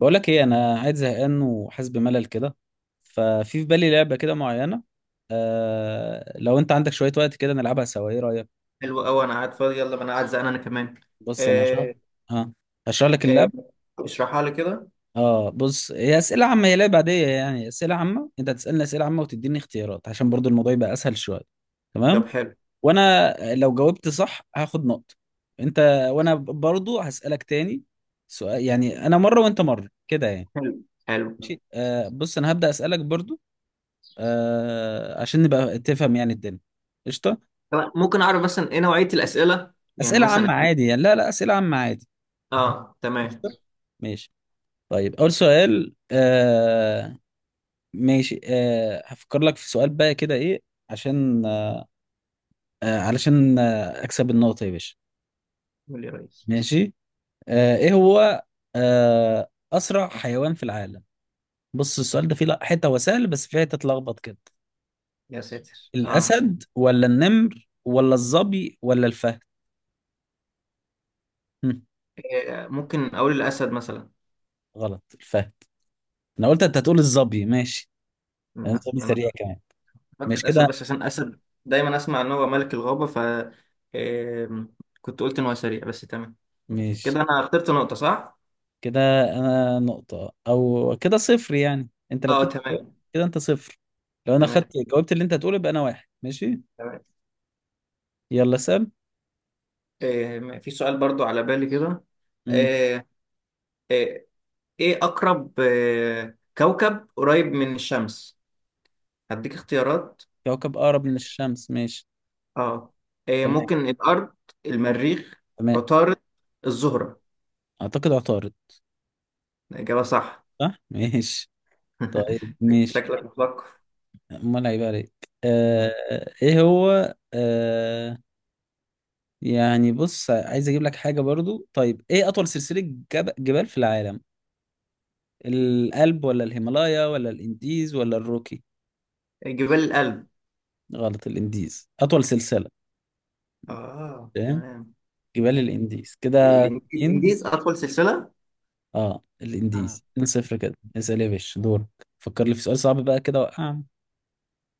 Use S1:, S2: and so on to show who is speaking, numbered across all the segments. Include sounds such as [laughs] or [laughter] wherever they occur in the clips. S1: بقول لك ايه، انا قاعد زهقان وحاسس بملل كده. ففي في بالي لعبه كده معينه. لو انت عندك شويه وقت كده نلعبها سوا، ايه رايك؟
S2: حلو قوي، انا قاعد فاضي. يلا، ما انا قاعد زهقان انا كمان.
S1: بص انا هشرح.
S2: آه،
S1: اه هشرح لك
S2: آه،
S1: اللعب.
S2: اشرحها لي كده.
S1: اه بص، هي اسئله عامه، هي لعبه عاديه يعني. اسئله عامه، انت هتسالني اسئله عامه وتديني اختيارات عشان برضو الموضوع يبقى اسهل شويه.
S2: طب
S1: تمام.
S2: حلو
S1: وانا لو جاوبت صح هاخد نقطه. انت. وانا برضو هسالك تاني سؤال، يعني انا مره وانت مره كده يعني.
S2: حلو حلو.
S1: ماشي بص، انا هبدا اسالك برضو. عشان نبقى تفهم يعني الدنيا. قشطة.
S2: طب ممكن اعرف مثلا ايه نوعية الأسئلة؟ يعني
S1: أسئلة
S2: مثلا.
S1: عامة عادي يعني، لا لا، أسئلة عامة عادي.
S2: اه تمام.
S1: قشطة. ماشي. طيب، أول سؤال. ماشي هفكر لك في سؤال بقى كده، إيه؟ عشان علشان أكسب النقطة يا باشا.
S2: قول يا ريس.
S1: ماشي. إيه هو؟ أسرع حيوان في العالم. بص السؤال ده فيه حتة هو سهل بس فيه حتة تلخبط كده.
S2: يا ساتر اه.
S1: الأسد ولا النمر ولا الظبي ولا الفهد؟ هم،
S2: ممكن اقول الاسد مثلا.
S1: غلط، الفهد. انا قلت انت هتقول الظبي، ماشي. انا
S2: لا
S1: الظبي
S2: انا
S1: سريع كمان.
S2: فاكر
S1: مش
S2: الاسد
S1: كده،
S2: بس عشان اسد دايما اسمع ان هو ملك الغابة آه، كنت قلت ان هو سريع بس. تمام
S1: مش
S2: كده، انا اخترت نقطة صح.
S1: كده. انا نقطة او كده، صفر يعني. انت لو
S2: اه
S1: كنت جاوبت
S2: تمام.
S1: كده، انت صفر. لو انا خدت،
S2: تمام
S1: جاوبت اللي انت هتقوله يبقى انا واحد. ماشي.
S2: تمام.
S1: يلا سام.
S2: في سؤال برضو على بالي كده.
S1: امم
S2: آه، إيه. أقرب كوكب قريب من الشمس. هديك اختيارات.
S1: كوكب اقرب من الشمس، ماشي.
S2: اه. إيه،
S1: تمام،
S2: ممكن الأرض؟ المريخ؟
S1: تمام.
S2: عطارد؟ الزهرة؟
S1: اعتقد عطارد.
S2: الإجابة صح.
S1: صح [laughs] ماشي طيب.
S2: [laughs]
S1: ماشي.
S2: شكلك مثقف.
S1: امال هيبقى عليك. آه
S2: مم.
S1: ايه هو؟ يعني بص، عايز اجيب لك حاجة برضو. طيب ايه اطول سلسلة جبال في العالم؟ الألب ولا الهيمالايا ولا الإنديز ولا الروكي؟
S2: جبال الألب.
S1: غلط، الإنديز أطول سلسلة.
S2: اه
S1: فاهم؟
S2: تمام.
S1: جبال الإنديز كده. اتنين.
S2: الإنجليز أطول سلسلة.
S1: اه
S2: آه.
S1: الإنديز. 2 صفر كده. اسأل يا باشا، دور. فكر لي في سؤال صعب بقى كده، وقع.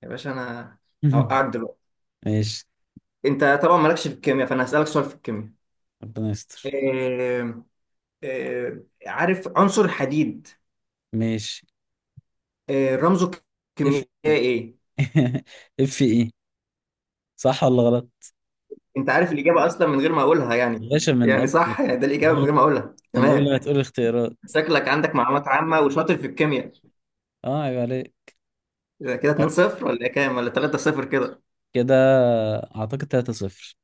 S2: يا باشا أنا
S1: [laughs]
S2: هوقعك دلوقتي.
S1: ماشي.
S2: أنت طبعا مالكش في الكيمياء، فأنا هسألك سؤال في الكيمياء.
S1: ربنا يستر.
S2: إيه. عارف عنصر الحديد؟
S1: ماشي.
S2: رمزه
S1: اف.
S2: الكيميائي ايه؟
S1: [laughs] اف ايه؟ صح ولا غلط؟
S2: انت عارف الاجابه اصلا من غير ما اقولها يعني.
S1: يا باشا من
S2: يعني
S1: قبل ما
S2: صح، يعني ده الاجابه من غير ما اقولها،
S1: من قبل ما
S2: تمام.
S1: تقول الاختيارات.
S2: شكلك عندك معلومات عامه وشاطر في الكيمياء.
S1: اه عيب عليك.
S2: إذا كده
S1: طيب
S2: 2-0 ولا إيه كام ولا 3-0 كده.
S1: كده اعتقد 3 صفر.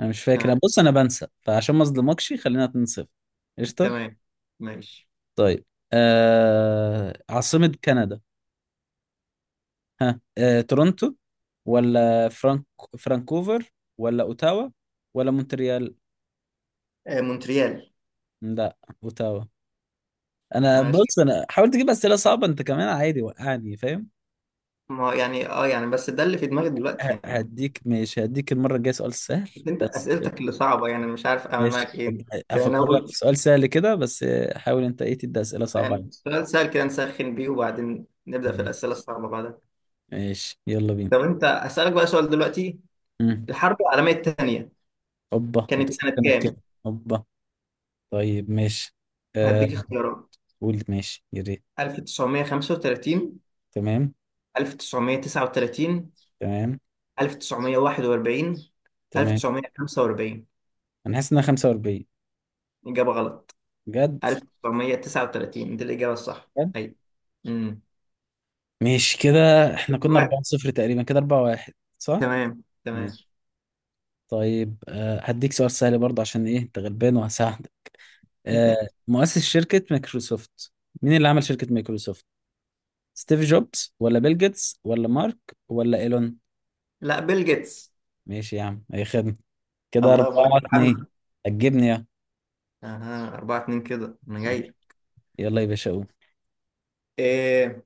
S1: انا مش فاكر
S2: تمام
S1: بص انا بنسى فعشان ما اظلمكش خلينا 2-0. قشطه.
S2: تمام ماشي.
S1: طيب عاصمة كندا. ها تورونتو، ولا فرانكوفر، ولا اوتاوا، ولا مونتريال؟
S2: مونتريال.
S1: لا، اوتاوا. انا
S2: انا شايف.
S1: بص، انا حاولت اجيب اسئله صعبه، انت كمان عادي وقعني فاهم.
S2: ما هو يعني يعني بس ده اللي في دماغي دلوقتي يعني.
S1: هديك، ماشي هديك المره الجايه سؤال سهل.
S2: بس انت
S1: بس
S2: اسئلتك اللي صعبه يعني، أنا مش عارف اعمل
S1: ماشي
S2: معاك ايه. كده
S1: هفكر لك
S2: ناخد
S1: في سؤال سهل كده بس حاول انت ايه تدي اسئله صعبه عليا.
S2: يعني سؤال سهل كده نسخن بيه وبعدين نبدا في
S1: ماشي.
S2: الاسئله الصعبه بعدها.
S1: ماشي، يلا بينا.
S2: طب انت اسالك بقى سؤال دلوقتي.
S1: مم.
S2: الحرب العالميه الثانيه
S1: اوبا، ما
S2: كانت
S1: تقولش
S2: سنة
S1: انا
S2: كام؟
S1: كده اوبا. طيب ماشي
S2: هديك
S1: آه
S2: اختيارات.
S1: قول ماشي يا ريت.
S2: 1935؟
S1: تمام.
S2: 1939؟
S1: تمام.
S2: 1941؟
S1: تمام.
S2: 1945؟
S1: انا حاسس انها 45.
S2: إجابة غلط.
S1: بجد؟
S2: 1939 دي الإجابة الصح.
S1: بجد؟
S2: أي امم
S1: ماشي كده. احنا كنا 4 0 تقريبا كده، 4 1 صح.
S2: تمام تمام.
S1: ماشي. طيب هديك سؤال سهل برضه عشان ايه انت غلبان وهساعدك. آه
S2: [laughs]
S1: مؤسس شركة مايكروسوفت، مين اللي عمل شركة مايكروسوفت؟ ستيف جوبز، ولا بيل جيتس، ولا مارك، ولا ايلون؟
S2: لا، بيل جيتس.
S1: ماشي يا عم، اي خدمة. كده
S2: اللهم لك
S1: 4 2.
S2: الحمد.
S1: هتجيبني يا.
S2: اها، 4-2 كده انا
S1: ماشي.
S2: جاي.
S1: يلا يا باشا قول.
S2: إيه.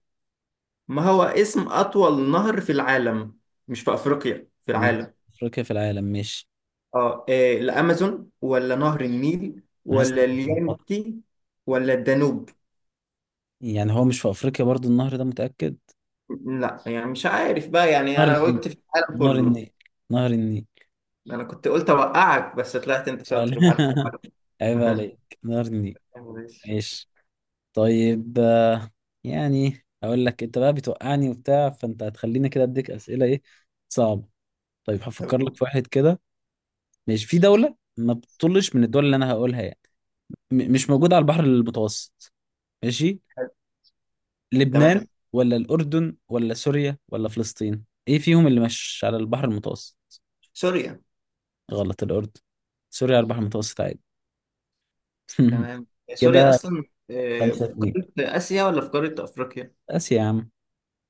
S2: ما هو اسم أطول نهر في العالم؟ مش في أفريقيا، في
S1: مش
S2: العالم.
S1: في افريقيا، في العالم، مش.
S2: الامازون ولا نهر النيل
S1: انا حاسس
S2: ولا
S1: إنها متلخبطة.
S2: اليانتي ولا الدانوب؟
S1: يعني هو مش في افريقيا برضو النهر ده، متاكد؟
S2: لا يعني مش عارف بقى، يعني
S1: نهر
S2: انا
S1: النيل،
S2: قلت في العالم
S1: نهر
S2: كله.
S1: النيل، نهر النيل.
S2: انا كنت قلت اوقعك بس طلعت انت شاطر وعارف
S1: [laughs] عيب
S2: العالم. [laughs]
S1: عليك، نهر النيل.
S2: ماشي.
S1: ماشي. طيب يعني اقول لك، انت بقى بتوقعني وبتاع، فانت هتخليني كده اديك اسئله ايه، صعبه. طيب هفكر لك
S2: طب-
S1: في واحد كده. ماشي، في دوله ما بتطلش من الدول اللي انا هقولها يعني، مش موجوده على البحر المتوسط. ماشي.
S2: تمام.
S1: لبنان، ولا الأردن، ولا سوريا، ولا فلسطين، ايه فيهم اللي مش على البحر المتوسط؟
S2: سوريا.
S1: غلط، الأردن. سوريا على البحر المتوسط عادي. [laughs]
S2: تمام، سوريا
S1: كده
S2: اصلا
S1: خمسة
S2: في
S1: اتنين.
S2: قاره اسيا ولا في قاره افريقيا؟
S1: بس يا عم،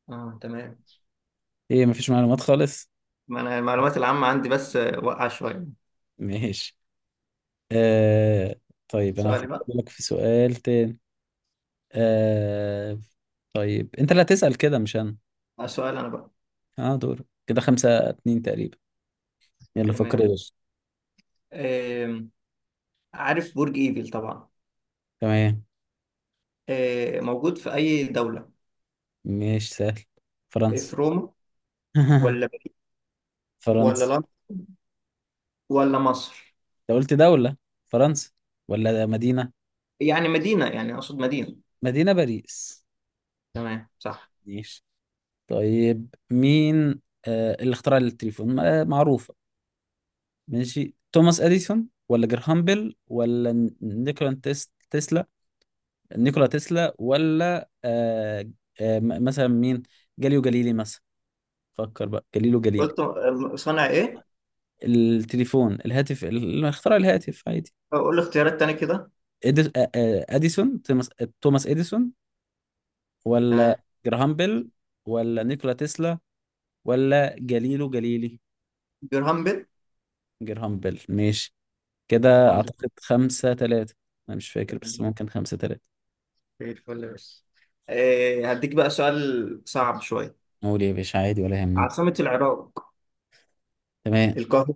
S2: اه تمام.
S1: ايه مفيش معلومات خالص.
S2: ما انا المعلومات العامه عندي بس واقعه شويه.
S1: ماشي آه... طيب، انا
S2: سؤالي
S1: هفكر
S2: بقى.
S1: لك في سؤال تاني. آه... طيب، انت اللي هتسأل كده مش انا.
S2: سؤال انا بقى.
S1: اه، دور كده خمسة اتنين تقريبا. يلا
S2: تمام.
S1: فكر يا باشا.
S2: آم، عارف برج ايفل طبعا.
S1: تمام.
S2: موجود في أي دولة؟
S1: ماشي سهل.
S2: في
S1: فرنسا.
S2: روما ولا
S1: [laughs]
S2: ولا
S1: فرنسا.
S2: لندن ولا مصر؟
S1: انت قلت دولة؟ فرنسا. ولا مدينة؟
S2: يعني مدينة، يعني أقصد مدينة.
S1: مدينة باريس.
S2: تمام صح.
S1: ماشي. طيب مين اللي اخترع التليفون؟ معروفة. ماشي، توماس اديسون، ولا جراهام بيل، ولا نيكولا تسلا؟ نيكولا تسلا، ولا مثلا مين؟ جاليو جاليلي مثلا. فكر بقى، جاليلو جاليلي.
S2: قلت صنع إيه؟
S1: التليفون، الهاتف، اللي اخترع الهاتف عادي.
S2: أقول اختيارات تاني كده.
S1: اديسون توماس، توماس اديسون،
S2: تمام.
S1: ولا جراهام بيل، ولا نيكولا تسلا، ولا جليله جليلي؟
S2: جرهام بيل.
S1: جرهام بيل. ماشي. كده
S2: الحمد
S1: أعتقد خمسة تلاتة. أنا مش فاكر
S2: لله.
S1: بس ممكن خمسة تلاتة.
S2: زي الفل. بس هديك بقى سؤال صعب شوية.
S1: قول يا باشا عادي ولا يهمنا.
S2: عاصمة العراق؟
S1: تمام.
S2: القاهرة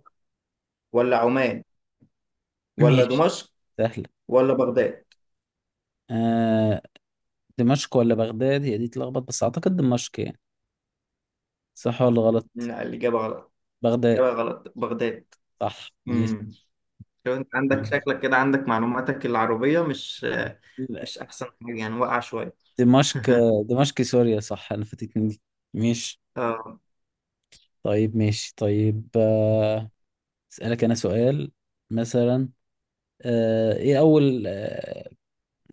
S2: ولا عمان
S1: [clears throat]
S2: ولا
S1: ماشي
S2: دمشق
S1: سهلة.
S2: ولا بغداد؟
S1: آه دمشق ولا بغداد هي دي تلخبط، بس أعتقد دمشق يعني. صح ولا غلط؟
S2: لا الإجابة غلط.
S1: بغداد.
S2: الإجابة غلط، بغداد.
S1: صح ماشي.
S2: مم. شوف انت عندك،
S1: ماشي.
S2: شكلك كده عندك معلوماتك العربية مش
S1: لا،
S2: مش أحسن حاجة يعني، واقعة شوية.
S1: دمشق. دمشق سوريا صح، أنا فاتتني دي. ماشي.
S2: آه.
S1: طيب ماشي طيب أسألك أنا سؤال مثلا. إيه أول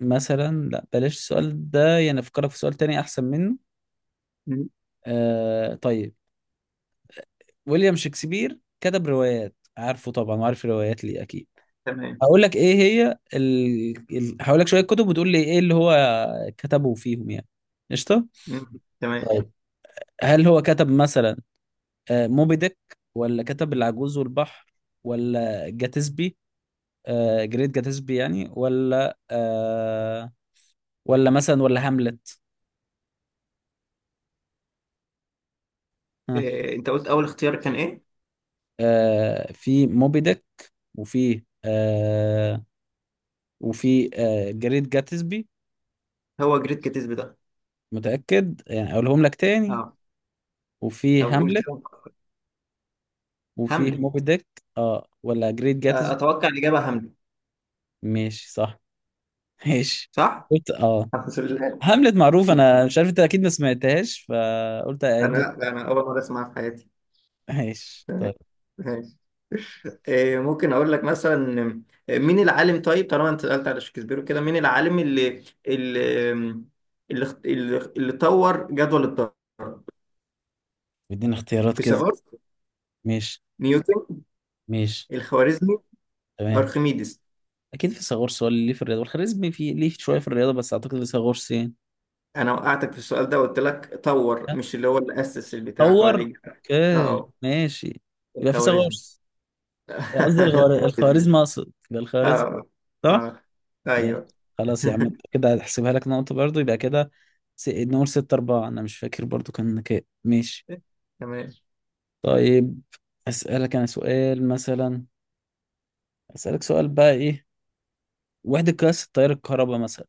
S1: مثلا، لا بلاش السؤال ده يعني، افكرك في سؤال تاني احسن منه.
S2: مم.
S1: طيب، ويليام شكسبير كتب روايات عارفه طبعا، وعارف الروايات ليه اكيد.
S2: تمام.
S1: هقول لك ايه هي هقول لك شويه كتب وتقول لي ايه اللي هو كتبه فيهم يعني. قشطه.
S2: مم. تمام.
S1: طيب، هل هو كتب مثلا موبي ديك، ولا كتب العجوز والبحر، ولا جاتسبي، جريت جاتسبي يعني، ولا ولا مثلا ولا هاملت؟
S2: إيه. أنت قلت أول اختيار كان إيه؟
S1: في موبي ديك، وفي آه وفي جريت جاتسبي.
S2: هو جريت كاتيزب ده؟
S1: متأكد يعني، أقولهم لك تاني.
S2: أه.
S1: وفي
S2: طب قول
S1: هاملت.
S2: كده.
S1: وفي
S2: هاملت.
S1: موبي ديك. اه، ولا جريت
S2: آه.
S1: جاتسبي.
S2: أتوقع الإجابة هاملت.
S1: ماشي صح. [laughs] ماشي.
S2: صح؟
S1: قلت اه.
S2: الحمد لله.
S1: هاملت معروف، أنا مش عارف أنت أكيد ما سمعتهاش فقلت أعيد لك.
S2: أنا أول مرة أسمعها في حياتي.
S1: [laughs] ماشي
S2: تمام.
S1: طيب.
S2: ماشي. إيه. ممكن أقول لك مثلا مين العالم؟ طيب طالما أنت سألت على شكسبير وكده، مين العالم اللي اللي طور جدول الضرب؟
S1: بدينا اختيارات كده.
S2: فيثاغورس؟
S1: ماشي.
S2: نيوتن؟
S1: ماشي.
S2: الخوارزمي؟
S1: تمام.
S2: ارخميدس؟
S1: أكيد في فيثاغورس هو اللي ليه في الرياضة، والخوارزمي في ليه شوية في الرياضة، بس أعتقد فيثاغورس يعني.
S2: انا وقعتك في السؤال ده وقلت لك طور، مش اللي هو اللي اسس البتاع
S1: صور.
S2: فليج.
S1: اوكي
S2: اه.
S1: ماشي. يبقى في صور.
S2: الخوارزمي. [laughs]
S1: قصدي الخوارزم، اقصد يبقى الخوارزم.
S2: اه.
S1: صح؟
S2: اه.
S1: ماشي.
S2: ايوه.
S1: خلاص يا عم،
S2: [laughs]
S1: كده هحسبها لك نقطة برضو يبقى كده. نقول ستة أربعة، أنا مش فاكر برضو كان كام. ماشي.
S2: تمام.
S1: طيب، أسألك أنا سؤال مثلا. أسألك سؤال بقى، إيه وحدة قياس التيار الكهرباء مثلا؟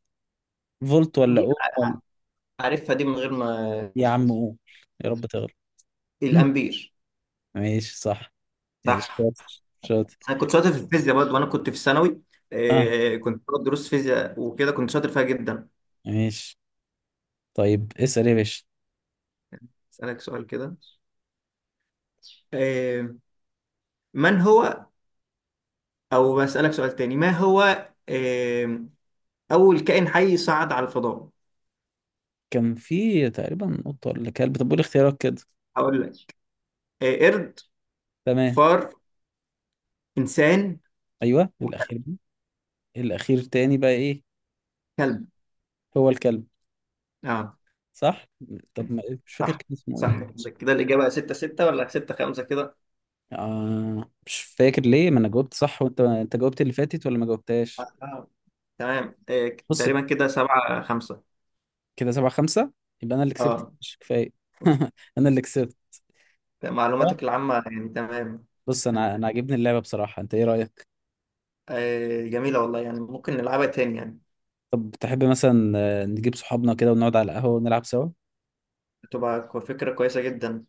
S1: فولت، ولا
S2: دي
S1: أوم، ولا...
S2: عارفها دي من غير ما.
S1: يا عم أوم، يا رب تغلط. [laughs]
S2: الامبير.
S1: ماشي صح. ماشي
S2: صح.
S1: شاطر شاطر.
S2: انا كنت شاطر في الفيزياء برضه وانا كنت في الثانوي.
S1: اه
S2: آه، كنت باخد دروس فيزياء وكده كنت شاطر فيها جدا.
S1: ماشي. طيب اسأل يا باشا.
S2: اسالك سؤال كده. آه. من هو؟ او بسالك سؤال تاني. ما هو أول كائن حي صعد على الفضاء؟
S1: كان في تقريبا قطة ولا كلب؟ طب قول اختيارات كده.
S2: هقول لك. قرد.
S1: تمام.
S2: فار. إنسان.
S1: ايوه الاخير ده. الاخير تاني بقى ايه؟
S2: وكلب.
S1: هو الكلب.
S2: اه.
S1: صح. طب ما مش فاكر
S2: صح.
S1: كان اسمه
S2: صح
S1: ايه.
S2: كده. كده الإجابة 6-6 ولا 6-5 كده.
S1: مش فاكر ليه، ما انا جاوبت صح وانت، جاوبت اللي فاتت ولا ما جاوبتهاش.
S2: آه. آه، تمام.
S1: بص
S2: تقريبا كده 7-5.
S1: كده سبعة خمسة. يبقى انا اللي كسبت،
S2: اه،
S1: مش كفاية. [laughs] انا اللي كسبت. صح؟
S2: معلوماتك العامة يعني تمام.
S1: بص انا
S2: [laughs]
S1: عاجبني اللعبة بصراحة، انت ايه رأيك؟
S2: جميلة والله، يعني ممكن نلعبها تاني يعني.
S1: طب تحب مثلا نجيب صحابنا كده ونقعد على القهوة ونلعب سوا.
S2: تبقى فكرة كويسة جدا.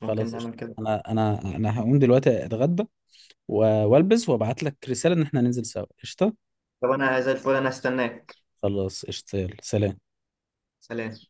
S2: ممكن
S1: قشطة.
S2: نعمل كده.
S1: انا، انا هقوم دلوقتي اتغدى والبس وابعت لك رسالة ان احنا ننزل سوا. قشطة.
S2: طب أنا زي الفل، أنا هستناك.
S1: خلاص قشطة، يلا سلام.
S2: سلام.